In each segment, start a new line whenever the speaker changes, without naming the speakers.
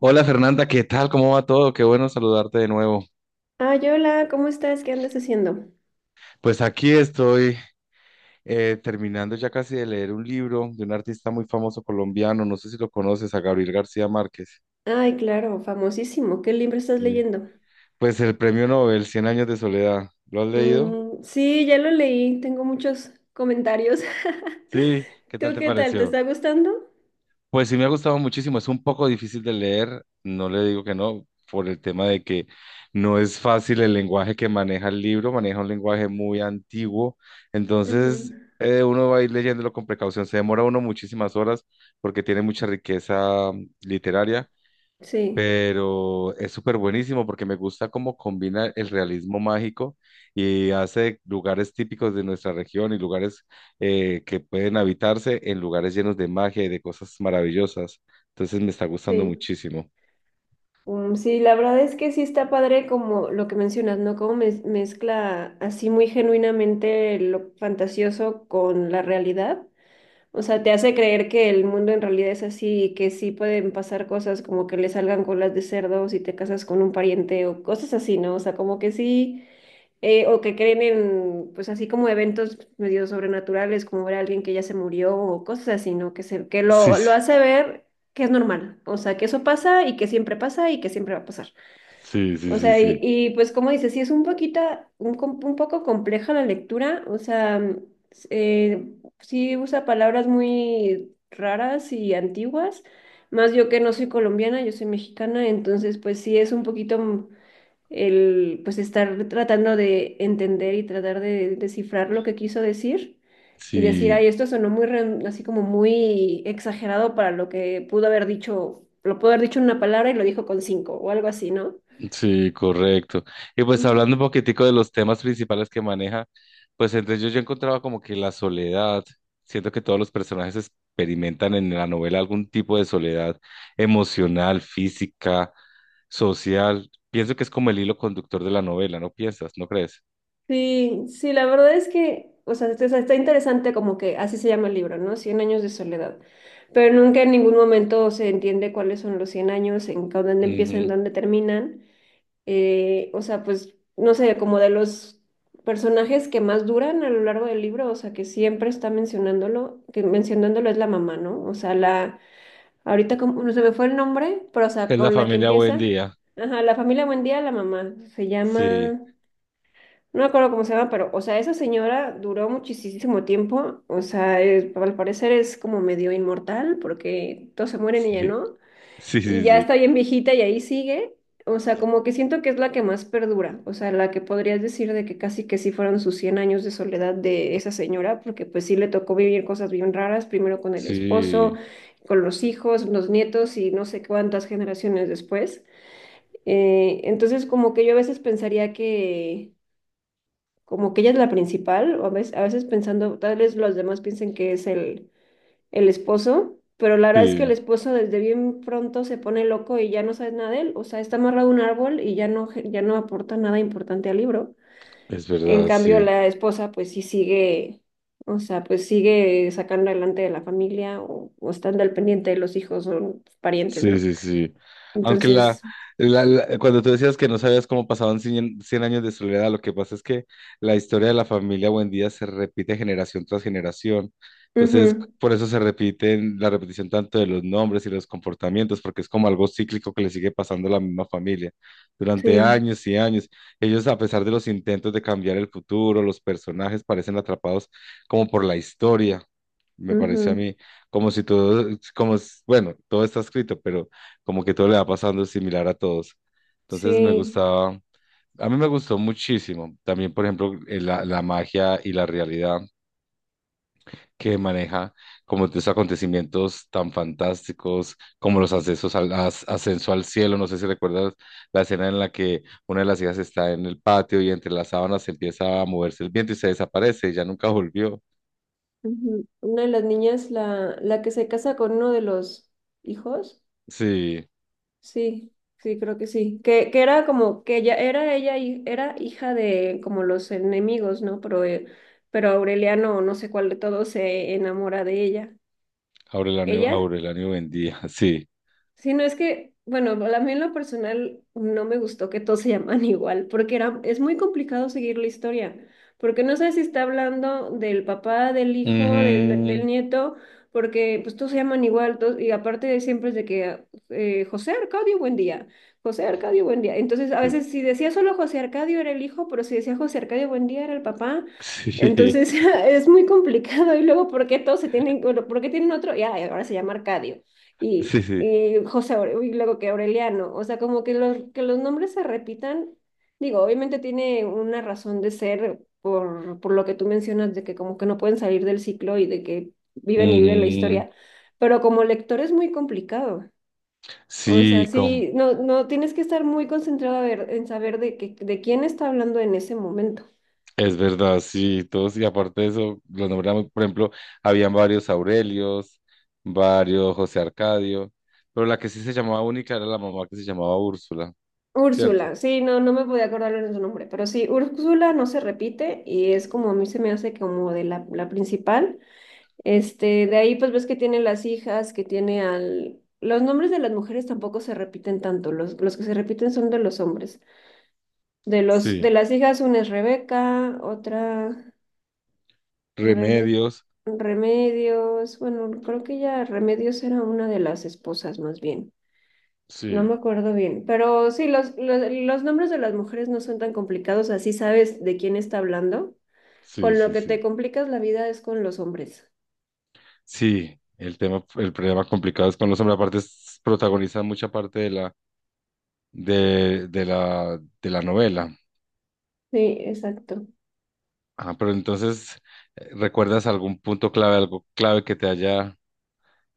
Hola Fernanda, ¿qué tal? ¿Cómo va todo? Qué bueno saludarte de nuevo.
Ay, hola, ¿cómo estás? ¿Qué andas haciendo?
Pues aquí estoy terminando ya casi de leer un libro de un artista muy famoso colombiano, no sé si lo conoces, a Gabriel García Márquez.
Ay, claro, famosísimo. ¿Qué libro estás
Sí.
leyendo?
Pues el premio Nobel, Cien años de soledad. ¿Lo has leído?
Mm, sí, ya lo leí. Tengo muchos comentarios.
Sí, ¿qué
¿Tú
tal te
qué tal? ¿Te
pareció?
está gustando?
Pues sí me ha gustado muchísimo, es un poco difícil de leer, no le digo que no, por el tema de que no es fácil el lenguaje que maneja el libro, maneja un lenguaje muy antiguo,
Ujú.
entonces uno va a ir leyéndolo con precaución, se demora uno muchísimas horas porque tiene mucha riqueza literaria,
Sí,
pero es súper buenísimo porque me gusta cómo combina el realismo mágico y hace lugares típicos de nuestra región y lugares que pueden habitarse en lugares llenos de magia y de cosas maravillosas. Entonces me está gustando
sí.
muchísimo.
Mm, sí, la verdad es que sí está padre como lo que mencionas, ¿no? Como mezcla así muy genuinamente lo fantasioso con la realidad. O sea, te hace creer que el mundo en realidad es así y que sí pueden pasar cosas como que le salgan colas de cerdo si te casas con un pariente o cosas así, ¿no? O sea, como que sí, o que creen en, pues así como eventos medio sobrenaturales, como ver a alguien que ya se murió o cosas así, ¿no? Que se, que
Sí,
lo
sí,
hace ver que es normal, o sea, que eso pasa y que siempre pasa y que siempre va a pasar.
sí, sí,
O
sí,
sea,
sí.
pues como dices, sí es un poquito, un poco compleja la lectura, o sea, s- eh, sí usa palabras muy raras y antiguas, más yo que no soy colombiana, yo soy mexicana, entonces pues sí es un poquito el, pues estar tratando de entender y tratar de descifrar lo que quiso decir y decir, ay,
Sí.
esto sonó así como muy exagerado para lo que pudo haber dicho, lo pudo haber dicho en una palabra y lo dijo con cinco o algo así, ¿no?
Sí, correcto. Y pues hablando un poquitico de los temas principales que maneja, pues entre ellos yo encontraba como que la soledad, siento que todos los personajes experimentan en la novela algún tipo de soledad emocional, física, social. Pienso que es como el hilo conductor de la novela, ¿no piensas? ¿No crees?
Sí, sí, la verdad es que, o sea, está interesante como que así se llama el libro, ¿no? Cien años de soledad. Pero nunca en ningún momento se entiende cuáles son los 100 años, dónde empiezan,
Ujú.
dónde terminan. O sea, pues, no sé, como de los personajes que más duran a lo largo del libro, o sea, que siempre está mencionándolo es la mamá, ¿no? O sea, la, ahorita como, no se me fue el nombre, pero o
Que
sea,
es la
con la que
familia buen
empieza,
día.
ajá, la familia Buendía, la mamá, se
Sí,
llama... No me acuerdo cómo se llama, pero, o sea, esa señora duró muchísimo tiempo. O sea, al parecer es como medio inmortal porque todos se mueren y ella
sí,
no.
sí,
Y
sí,
ya
sí,
está bien viejita y ahí sigue. O sea, como que siento que es la que más perdura. O sea, la que podrías decir de que casi que sí fueron sus cien años de soledad de esa señora, porque pues sí le tocó vivir cosas bien raras, primero con el esposo,
sí,
con los hijos, los nietos y no sé cuántas generaciones después. Entonces, como que yo a veces pensaría que como que ella es la principal, o a veces pensando, tal vez los demás piensen que es el esposo, pero la verdad es que el
sí,
esposo desde bien pronto se pone loco y ya no sabes nada de él, o sea, está amarrado a un árbol y ya no aporta nada importante al libro.
es
En
verdad,
cambio,
sí.
la esposa pues sí sigue, o sea, pues sigue sacando adelante de la familia o estando al pendiente de los hijos o parientes,
Sí,
¿no?
sí, sí. Aunque
Entonces,
cuando tú decías que no sabías cómo pasaban cien años de soledad, lo que pasa es que la historia de la familia Buendía se repite generación tras generación. Entonces,
ujú,
por eso se repiten la repetición tanto de los nombres y los comportamientos, porque es como algo cíclico que le sigue pasando a la misma familia. Durante
sí,
años y años, ellos, a pesar de los intentos de cambiar el futuro, los personajes parecen atrapados como por la historia, me pareció a
ujú,
mí como si todo, bueno, todo está escrito, pero como que todo le va pasando similar a todos. Entonces me
sí.
gustaba, a mí me gustó muchísimo. También, por ejemplo, la, la magia y la realidad que maneja, como estos acontecimientos tan fantásticos, como los ascenso al cielo. No sé si recuerdas la escena en la que una de las hijas está en el patio y entre las sábanas empieza a moverse el viento y se desaparece y ya nunca volvió.
Ujú. Una de las niñas, la que se casa con uno de los hijos.
Sí,
Sí, sí, creo que sí. Que era como que ella era ella hi- era hija de como los enemigos, ¿no? Pero Aureliano, no sé cuál de todos, se enamora de ella.
Aurelio
¿Ella?
Aurelio Buendía, sí.
Sí, no es que, bueno, a mí en lo personal no me gustó que todos se llaman igual, porque es muy complicado seguir la historia, porque no sé si está hablando del papá, del hijo,
Ujú.
del nieto, porque pues todos se llaman igual, y aparte de siempre es de que José Arcadio, buen día, José Arcadio, buen día. Entonces, a
Sí,
veces si decía solo José Arcadio era el hijo, pero si decía José Arcadio, buen día era el papá. Entonces, es muy complicado, y luego, ¿por qué todos se tienen, bueno, por qué tienen otro? Ya, ahora se llama Arcadio
sí, sí, sí.
y y luego que Aureliano, o sea, como que los nombres se repitan, digo, obviamente tiene una razón de ser por lo que tú mencionas, de que como que no pueden salir del ciclo y de que viven y viven la
Ujú.
historia, pero como lector es muy complicado. O sea,
Sí, con-
sí, no, no, tienes que estar muy concentrado a ver, en saber de quién está hablando en ese momento.
es verdad, sí, todos, y aparte de eso, los nombramos, por ejemplo, habían varios Aurelios, varios José Arcadio, pero la que sí se llamaba única era la mamá que se llamaba Úrsula, ¿cierto?
Úrsula, sí, no me podía acordar de su nombre, pero sí, Úrsula no se repite y es como a mí se me hace como de la principal. Este, de ahí pues ves que tiene las hijas, que tiene al... Los nombres de las mujeres tampoco se repiten tanto, los que se repiten son de los hombres.
Sí,
De las hijas una es Rebeca, otra Rebe-
Remedios,
Remedios, bueno, creo que ya Remedios era una de las esposas más bien. No me
sí,
acuerdo bien, pero sí, los nombres de las mujeres no son tan complicados, así sabes de quién está hablando.
sí,
Con lo
sí,
que te
sí.
complicas la vida es con los hombres.
Sí, el problema complicado es con los hombres, protagonizan mucha parte de la novela.
Sí, exacto.
Ah, pero entonces, ¿recuerdas algún punto clave, algo clave que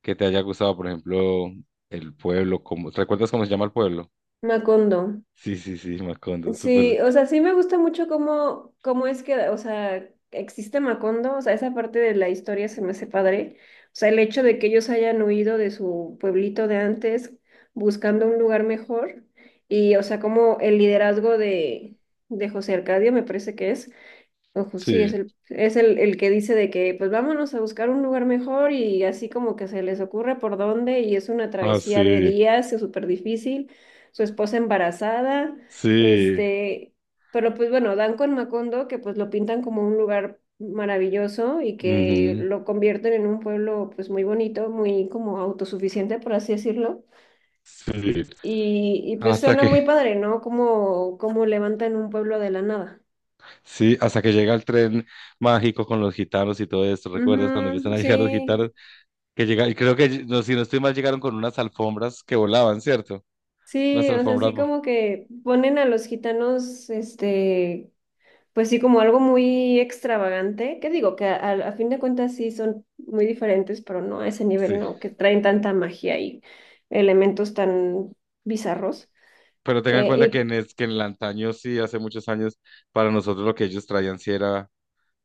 que te haya gustado? Por ejemplo, el pueblo, ¿recuerdas cómo se llama el pueblo?
Macondo.
Sí, sí, sí, Macondo, súper.
Sí, o sea, sí me gusta mucho cómo, cómo es que, o sea, existe Macondo, o sea, esa parte de la historia se me hace padre. O sea, el hecho de que ellos hayan huido de su pueblito de antes buscando un lugar mejor y, o sea, como el liderazgo de José Arcadio me parece que es, Ojo, sí,
Sí,
el que dice de que pues vámonos a buscar un lugar mejor y así como que se les ocurre por dónde y es una
ah,
travesía de
sí,
días, es súper difícil, su esposa embarazada,
sí,
este, pero pues bueno, dan con Macondo que pues lo pintan como un lugar maravilloso y que
ujú,
lo convierten en un pueblo pues muy bonito, muy como autosuficiente, por así decirlo,
sí.
y pues
Hasta
suena
que,
muy padre, ¿no? Como levantan un pueblo de la nada.
sí, hasta que llega el tren mágico con los gitanos y todo esto. ¿Recuerdas cuando empiezan
Ujú,
a
sí.
llegar los gitanos? Que llega, y creo que, no, si no estoy mal, llegaron con unas alfombras que volaban, ¿cierto? Unas
Sí, o sea,
alfombras,
sí
vo-
como que ponen a los gitanos, este, pues sí, como algo muy extravagante. ¿Qué digo? Que a fin de cuentas sí son muy diferentes, pero no a ese nivel,
sí.
¿no? Que traen tanta magia y elementos tan bizarros.
Pero tengan en cuenta
Eh,
que
y
que en el antaño, sí, hace muchos años, para nosotros lo que ellos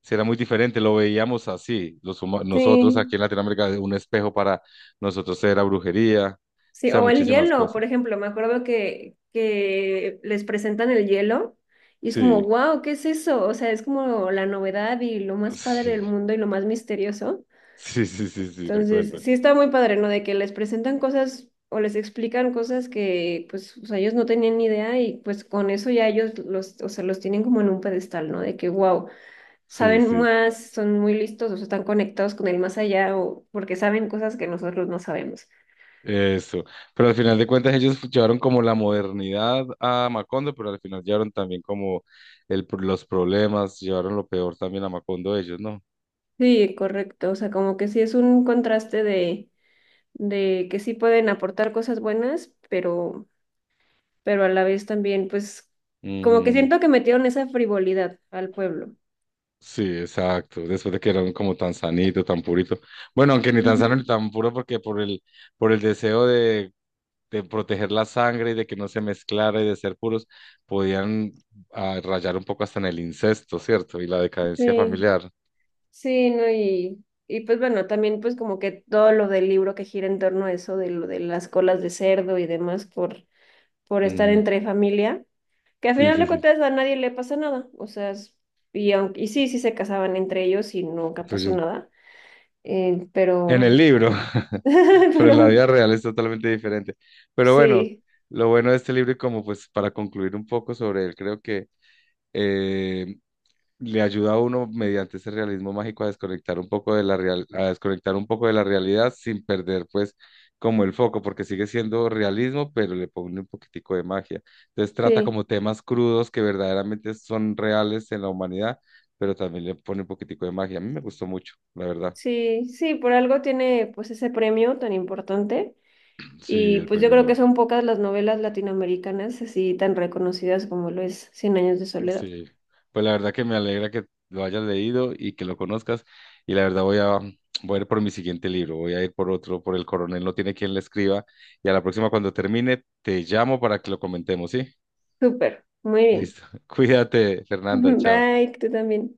sí era muy diferente, lo veíamos así, nosotros
sí,
aquí en Latinoamérica, un espejo para nosotros era brujería, o
sí,
sea,
o el
muchísimas
hielo, por
cosas.
ejemplo, me acuerdo que les presentan el hielo y es como,
Sí,
wow, ¿qué es eso? O sea, es como la novedad y lo más padre
sí,
del mundo y lo más misterioso.
sí, sí, sí, sí, recuerdo.
Entonces, sí está muy padre, ¿no? De que les presentan cosas o les explican cosas que, pues, o sea, ellos no tenían ni idea y pues con eso ya ellos o sea, los tienen como en un pedestal, ¿no? De que, wow,
Sí,
saben
sí,
más, son muy listos, o sea, están conectados con el más allá o porque saben cosas que nosotros no sabemos.
eso. Pero al final de cuentas ellos llevaron como la modernidad a Macondo, pero al final llevaron también como los problemas, llevaron lo peor también a Macondo ellos, ¿no?
Sí, correcto, o sea, como que sí es un contraste de que sí pueden aportar cosas buenas, pero a la vez también, pues, como que
Ujú.
siento que metieron esa frivolidad al pueblo.
Sí, exacto. Después de que eran como tan sanito, tan purito. Bueno, aunque ni tan sano ni
Ujú.
tan puro, porque por el deseo de proteger la sangre y de que no se mezclara y de ser puros, podían ah, rayar un poco hasta en el incesto, ¿cierto? Y la decadencia
Sí.
familiar.
Sí, no, y pues bueno, también pues como que todo lo del libro que gira en torno a eso, de lo de las colas de cerdo y demás por estar
Ujú.
entre familia, que al
Sí,
final
sí,
de
sí.
cuentas a nadie le pasa nada, o sea, y, aunque, y sí, sí se casaban entre ellos y nunca pasó
Entonces,
nada,
en el
pero,
libro, pero en la
pero
vida real es totalmente diferente. Pero bueno,
sí,
lo bueno de este libro y como pues para concluir un poco sobre él, creo que eh, le ayuda a uno mediante ese realismo mágico a desconectar un poco de la real, a desconectar un poco de la realidad sin perder pues como el foco, porque sigue siendo realismo, pero le pone un poquitico de magia. Entonces trata
sí,
como temas crudos que verdaderamente son reales en la humanidad, pero también le pone un poquitico de magia. A mí me gustó mucho, la verdad.
sí, sí, por algo tiene pues ese premio tan importante.
Sí,
Y
el
pues yo
premio
creo que
Nobel.
son pocas las novelas latinoamericanas así tan reconocidas como lo es 100 años de soledad.
Sí, pues la verdad que me alegra que lo hayas leído y que lo conozcas. Y la verdad voy a ir por mi siguiente libro, voy a ir por otro, por El Coronel no tiene quien le escriba. Y a la próxima cuando termine, te llamo para que lo comentemos, ¿sí?
Súper, muy bien.
Listo. Cuídate, Fernanda, chao.
Bye, tú también.